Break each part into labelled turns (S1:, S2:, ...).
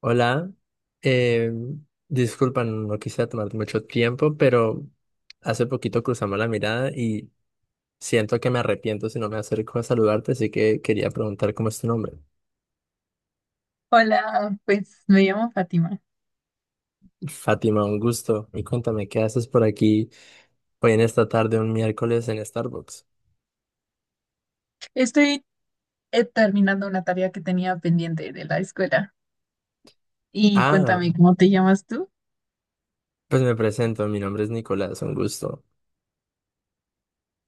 S1: Hola, eh, disculpa, no quisiera tomarte mucho tiempo, pero hace poquito cruzamos la mirada y siento que me arrepiento si no me acerco a saludarte, así que quería preguntar cómo es tu nombre.
S2: Hola, pues me llamo Fátima.
S1: Fátima, un gusto. Y cuéntame, ¿qué haces por aquí hoy en esta tarde, un miércoles en Starbucks?
S2: Estoy terminando una tarea que tenía pendiente de la escuela. Y
S1: Ah,
S2: cuéntame, ¿cómo te llamas tú?
S1: pues me presento, mi nombre es Nicolás, un gusto.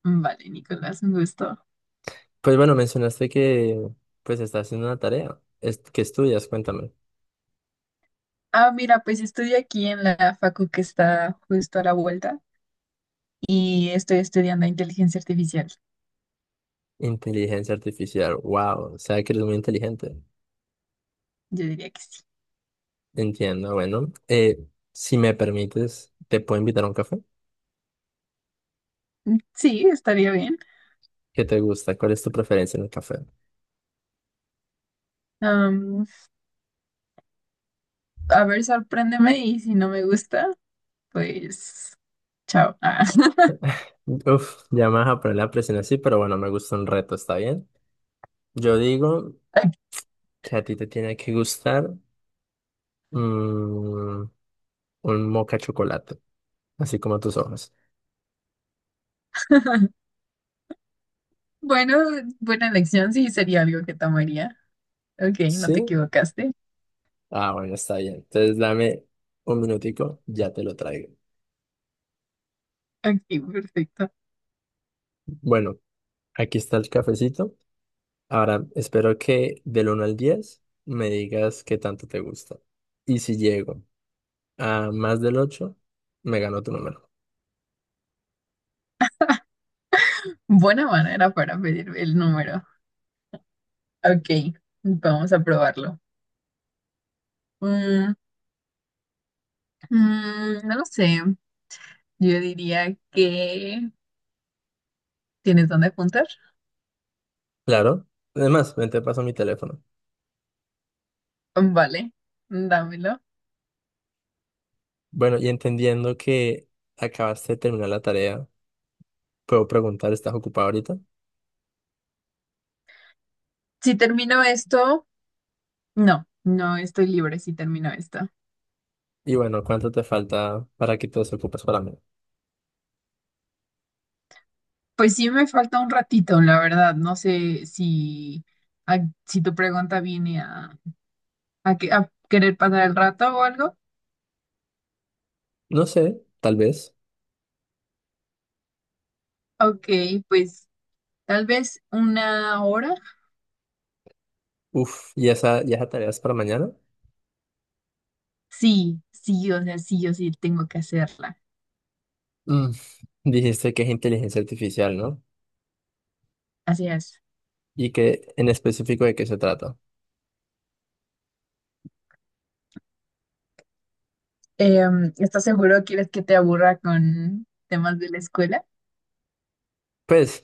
S2: Vale, Nicolás, un gusto.
S1: Pues bueno, mencionaste que pues estás haciendo una tarea. ¿Qué estudias? Cuéntame.
S2: Ah, mira, pues estoy aquí en la facu que está justo a la vuelta y estoy estudiando inteligencia artificial.
S1: Inteligencia artificial, wow, o sea que eres muy inteligente.
S2: Yo diría que sí.
S1: Entiendo, bueno, si me permites, te puedo invitar a un café.
S2: Mm, sí, estaría bien.
S1: ¿Qué te gusta? ¿Cuál es tu preferencia en el café?
S2: Am, a ver, sorpréndeme y si no me gusta, pues chao. Ah.
S1: Uf, ya me vas a poner la presión así, pero bueno, me gusta un reto, ¿está bien? Yo digo que a ti te tiene que gustar mm, un moca chocolate, así como tus ojos.
S2: Bueno, buena elección, sí, sería algo que tomaría. Ok, no te
S1: ¿Sí?
S2: equivocaste.
S1: Ah, bueno, está bien. Entonces dame un minutico, ya te lo traigo.
S2: Ok, perfecto.
S1: Bueno, aquí está el cafecito. Ahora, espero que del 1 al 10 me digas qué tanto te gusta. Y si llego a más del 8 me gano tu número.
S2: Buena manera para pedir el número. Ok, vamos a probarlo. Mm, mm, no lo sé. Yo diría que… ¿Tienes dónde apuntar?
S1: Claro. Además, ven, te paso mi teléfono.
S2: Vale, dámelo.
S1: Bueno, y entendiendo que acabaste de terminar la tarea, puedo preguntar, ¿estás ocupado ahorita?
S2: Si termino esto… No, no estoy libre si termino esto.
S1: Y bueno, ¿cuánto te falta para que te desocupes para mí?
S2: Pues sí me falta un ratito, la verdad. No sé si, a- si tu pregunta viene a, a querer pasar el rato o algo.
S1: No sé, tal vez.
S2: Ok, pues tal vez una hora.
S1: Uf, ¿y esa tarea es para mañana?
S2: Sí, sí, o sea, sí, yo sí tengo que hacerla.
S1: Mm, Dijiste que es inteligencia artificial, ¿no?
S2: Así es.
S1: Y que en específico de qué se trata.
S2: ¿Estás seguro? ¿Quieres que te aburra con temas de la escuela?
S1: Pues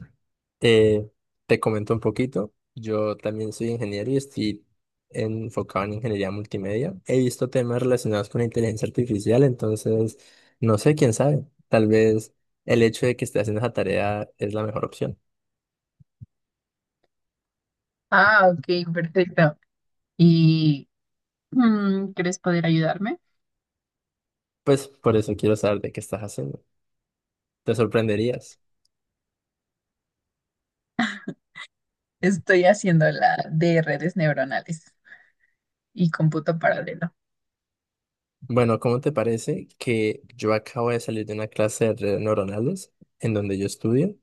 S1: Eh, te comento un poquito, yo también soy ingeniero y estoy enfocado en ingeniería multimedia. He visto temas relacionados con inteligencia artificial, entonces no sé, quién sabe, tal vez el hecho de que estés haciendo esa tarea es la mejor opción.
S2: Ah, ok, perfecto. ¿Y quieres poder ayudarme?
S1: Pues por eso quiero saber de qué estás haciendo. Te sorprenderías.
S2: Estoy haciendo la de redes neuronales y cómputo paralelo.
S1: Bueno, ¿cómo te parece que yo acabo de salir de una clase de redes neuronales en donde yo estudio?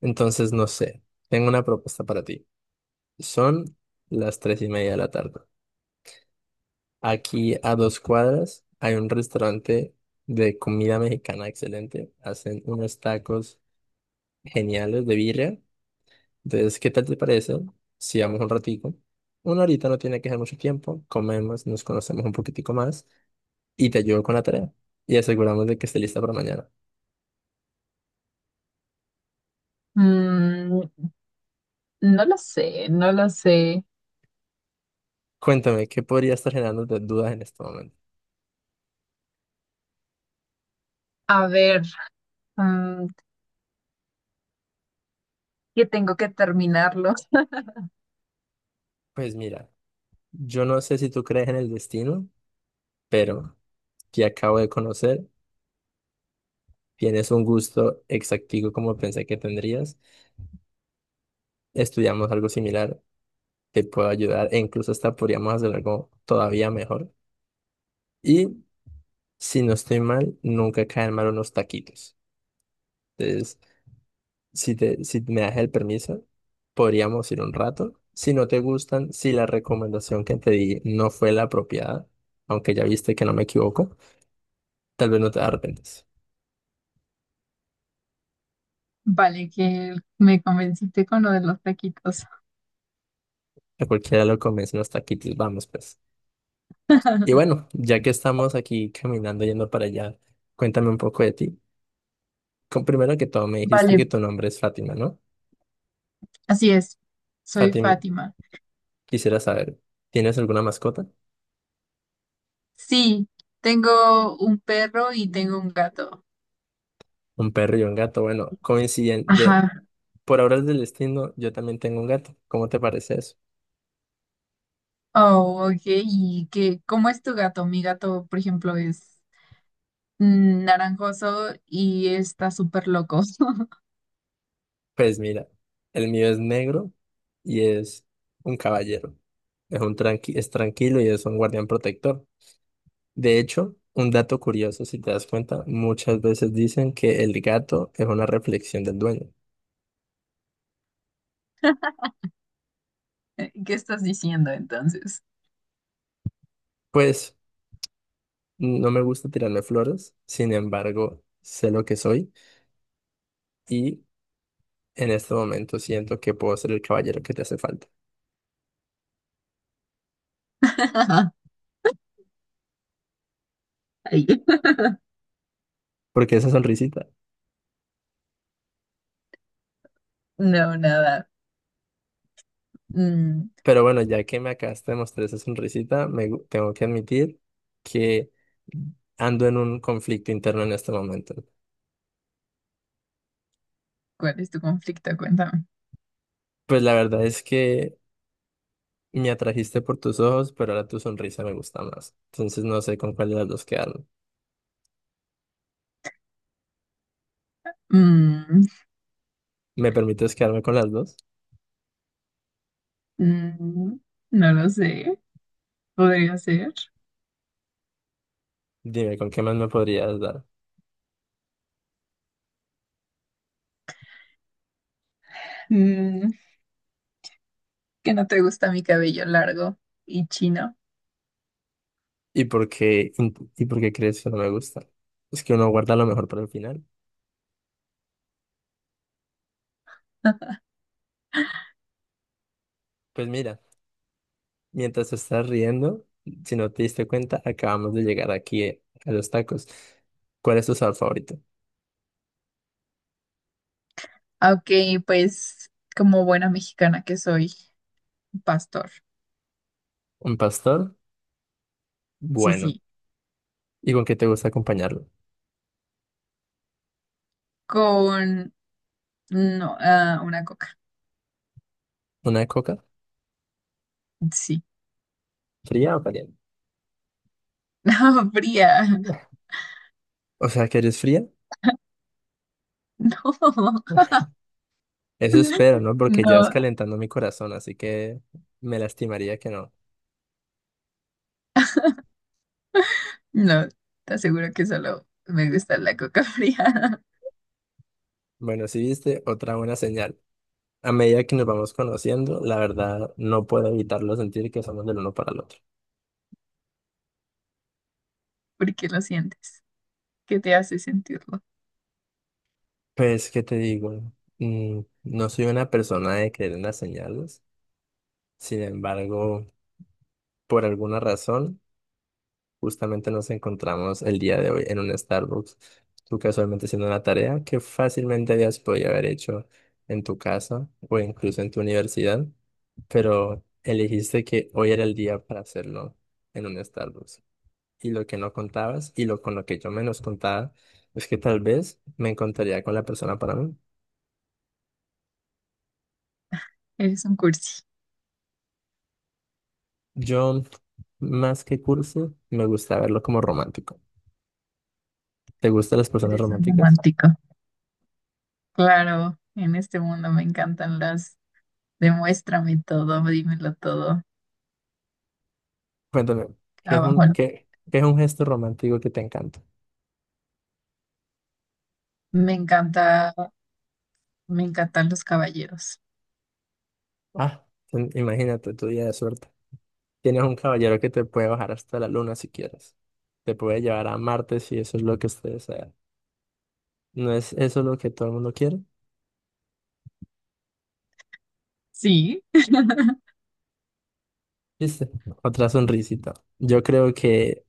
S1: Entonces, no sé, tengo una propuesta para ti. Son las 3:30 de la tarde. Aquí a dos cuadras hay un restaurante de comida mexicana excelente. Hacen unos tacos geniales de birria. Entonces, ¿qué tal te parece si vamos un ratico? Una horita no tiene que ser mucho tiempo. Comemos, nos conocemos un poquitico más y te ayudo con la tarea. Y aseguramos de que esté lista para mañana.
S2: Mm, no lo sé.
S1: Cuéntame, ¿qué podría estar generando dudas en este momento?
S2: A ver, mm, que tengo que terminarlo.
S1: Pues mira, yo no sé si tú crees en el destino, pero te acabo de conocer. Tienes un gusto exactivo como pensé que tendrías. Estudiamos algo similar que pueda ayudar e incluso hasta podríamos hacer algo todavía mejor. Y si no estoy mal, nunca caen mal unos taquitos. Entonces, si me das el permiso, podríamos ir un rato. Si no te gustan, si la recomendación que te di no fue la apropiada, aunque ya viste que no me equivoco, tal vez no te arrepientes.
S2: Vale, que me convenciste con lo de los taquitos.
S1: A cualquiera lo convencen los taquitos, vamos pues. Y bueno, ya que estamos aquí caminando yendo para allá, cuéntame un poco de ti. Primero que todo, me dijiste
S2: Vale,
S1: que tu nombre es Fátima, ¿no?
S2: así es. Soy
S1: Fátima,
S2: Fátima.
S1: quisiera saber, ¿tienes alguna mascota?
S2: Sí, tengo un perro y tengo un gato.
S1: Un perro y un gato. Bueno, coincidente,
S2: Ajá.
S1: por obras del destino, yo también tengo un gato. ¿Cómo te parece eso?
S2: Oh, ok. ¿Y qué, cómo es tu gato? Mi gato, por ejemplo, es naranjoso y está súper loco.
S1: Pues mira, el mío es negro y es un caballero. Es un tranqui, es tranquilo y es un guardián protector. De hecho, un dato curioso, si te das cuenta, muchas veces dicen que el gato es una reflexión del dueño.
S2: ¿Qué estás diciendo entonces?
S1: Pues no me gusta tirarme flores, sin embargo, sé lo que soy y en este momento siento que puedo ser el caballero que te hace falta.
S2: Ay,
S1: Porque esa sonrisita.
S2: no, nada. Mm,
S1: Pero bueno, ya que me acabas de mostrar esa sonrisita, tengo que admitir que ando en un conflicto interno en este momento.
S2: ¿cuál es tu conflicto? Cuéntame.
S1: Pues la verdad es que me atrajiste por tus ojos, pero ahora tu sonrisa me gusta más. Entonces no sé con cuál de las dos quedarme.
S2: Mm,
S1: ¿Me permites quedarme con las dos?
S2: mm, no lo sé. Podría ser.
S1: Dime, ¿con qué más me podrías dar?
S2: Mm, que no te gusta mi cabello largo y chino.
S1: ¿Y por qué crees que no me gusta? Es que uno guarda lo mejor para el final. Pues mira, mientras te estás riendo, si no te diste cuenta, acabamos de llegar aquí a los tacos. ¿Cuál es tu sabor favorito?
S2: Aunque, pues, como buena mexicana que soy, pastor.
S1: ¿Un pastor?
S2: Sí,
S1: Bueno.
S2: sí.
S1: ¿Y con qué te gusta acompañarlo?
S2: Con no, ah, una coca.
S1: ¿Una coca?
S2: Sí.
S1: ¿Fría o caliente?
S2: No, fría.
S1: O sea, que eres fría.
S2: No.
S1: Eso espero, ¿no? Porque ya es
S2: No,
S1: calentando mi corazón, así que me lastimaría que no.
S2: no. Te aseguro que solo me gusta la coca fría.
S1: Bueno, si viste, otra buena señal. A medida que nos vamos conociendo, la verdad no puedo evitarlo sentir que somos del uno para el otro.
S2: Porque lo sientes. ¿Qué te hace sentirlo?
S1: Pues, ¿qué te digo? No soy una persona de creer en las señales. Sin embargo, por alguna razón, justamente nos encontramos el día de hoy en un Starbucks. Tú casualmente haciendo una tarea que fácilmente habías podido haber hecho en tu casa o incluso en tu universidad, pero elegiste que hoy era el día para hacerlo en un Starbucks. Y lo que no contabas y lo con lo que yo menos contaba es que tal vez me encontraría con la persona para mí.
S2: Eres un cursi.
S1: Yo, más que cursi me gusta verlo como romántico. ¿Te gustan las personas
S2: Eres un
S1: románticas?
S2: romántico. Claro, en este mundo me encantan las. Demuéstrame todo, dímelo todo.
S1: Cuéntame,
S2: Abajo.
S1: ¿qué es un gesto romántico que te encanta?
S2: Me encanta. Me encantan los caballeros.
S1: Ah, imagínate tu día de suerte. Tienes un caballero que te puede bajar hasta la luna si quieres. Te puede llevar a Marte si eso es lo que usted desea. ¿No es eso lo que todo el mundo quiere?
S2: Sí.
S1: ¿Viste? Otra sonrisita. Yo creo que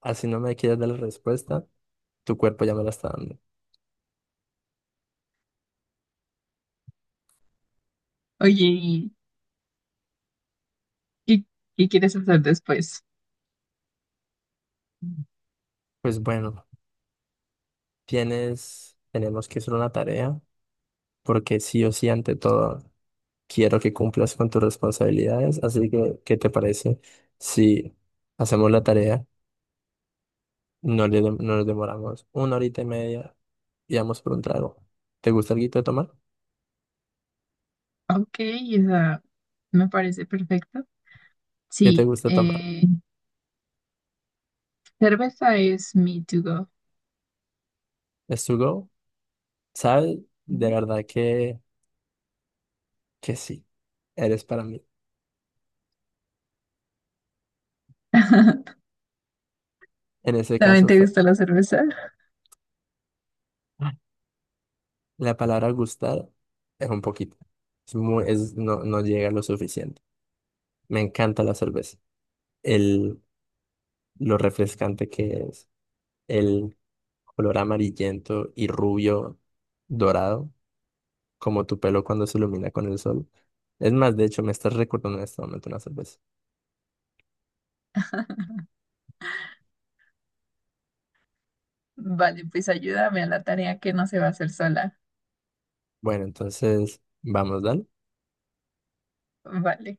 S1: así no me quieres dar la respuesta, tu cuerpo ya me la está dando.
S2: Oye, ¿y qué, qué quieres hacer después?
S1: Pues bueno, tenemos que hacer una tarea, porque sí o sí, ante todo, quiero que cumplas con tus responsabilidades. Así que, ¿qué te parece si hacemos la tarea? No nos demoramos una horita y media y vamos por un trago. ¿Te gusta algo de tomar?
S2: Ok, esa me parece perfecto.
S1: ¿Qué te
S2: Sí,
S1: gusta tomar?
S2: cerveza es mi to go.
S1: ¿Es to go? ¿Sabes? De
S2: Ujú.
S1: verdad que sí. Eres para mí. En ese
S2: ¿También
S1: caso
S2: te
S1: fue.
S2: gusta la cerveza?
S1: La palabra gustar es un poquito. No, no llega lo suficiente. Me encanta la cerveza. El, lo refrescante que es. El color amarillento y rubio dorado, como tu pelo cuando se ilumina con el sol. Es más, de hecho, me estás recordando en este momento una cerveza.
S2: Vale, pues ayúdame a la tarea que no se va a hacer sola.
S1: Bueno, entonces, vamos, dale.
S2: Vale.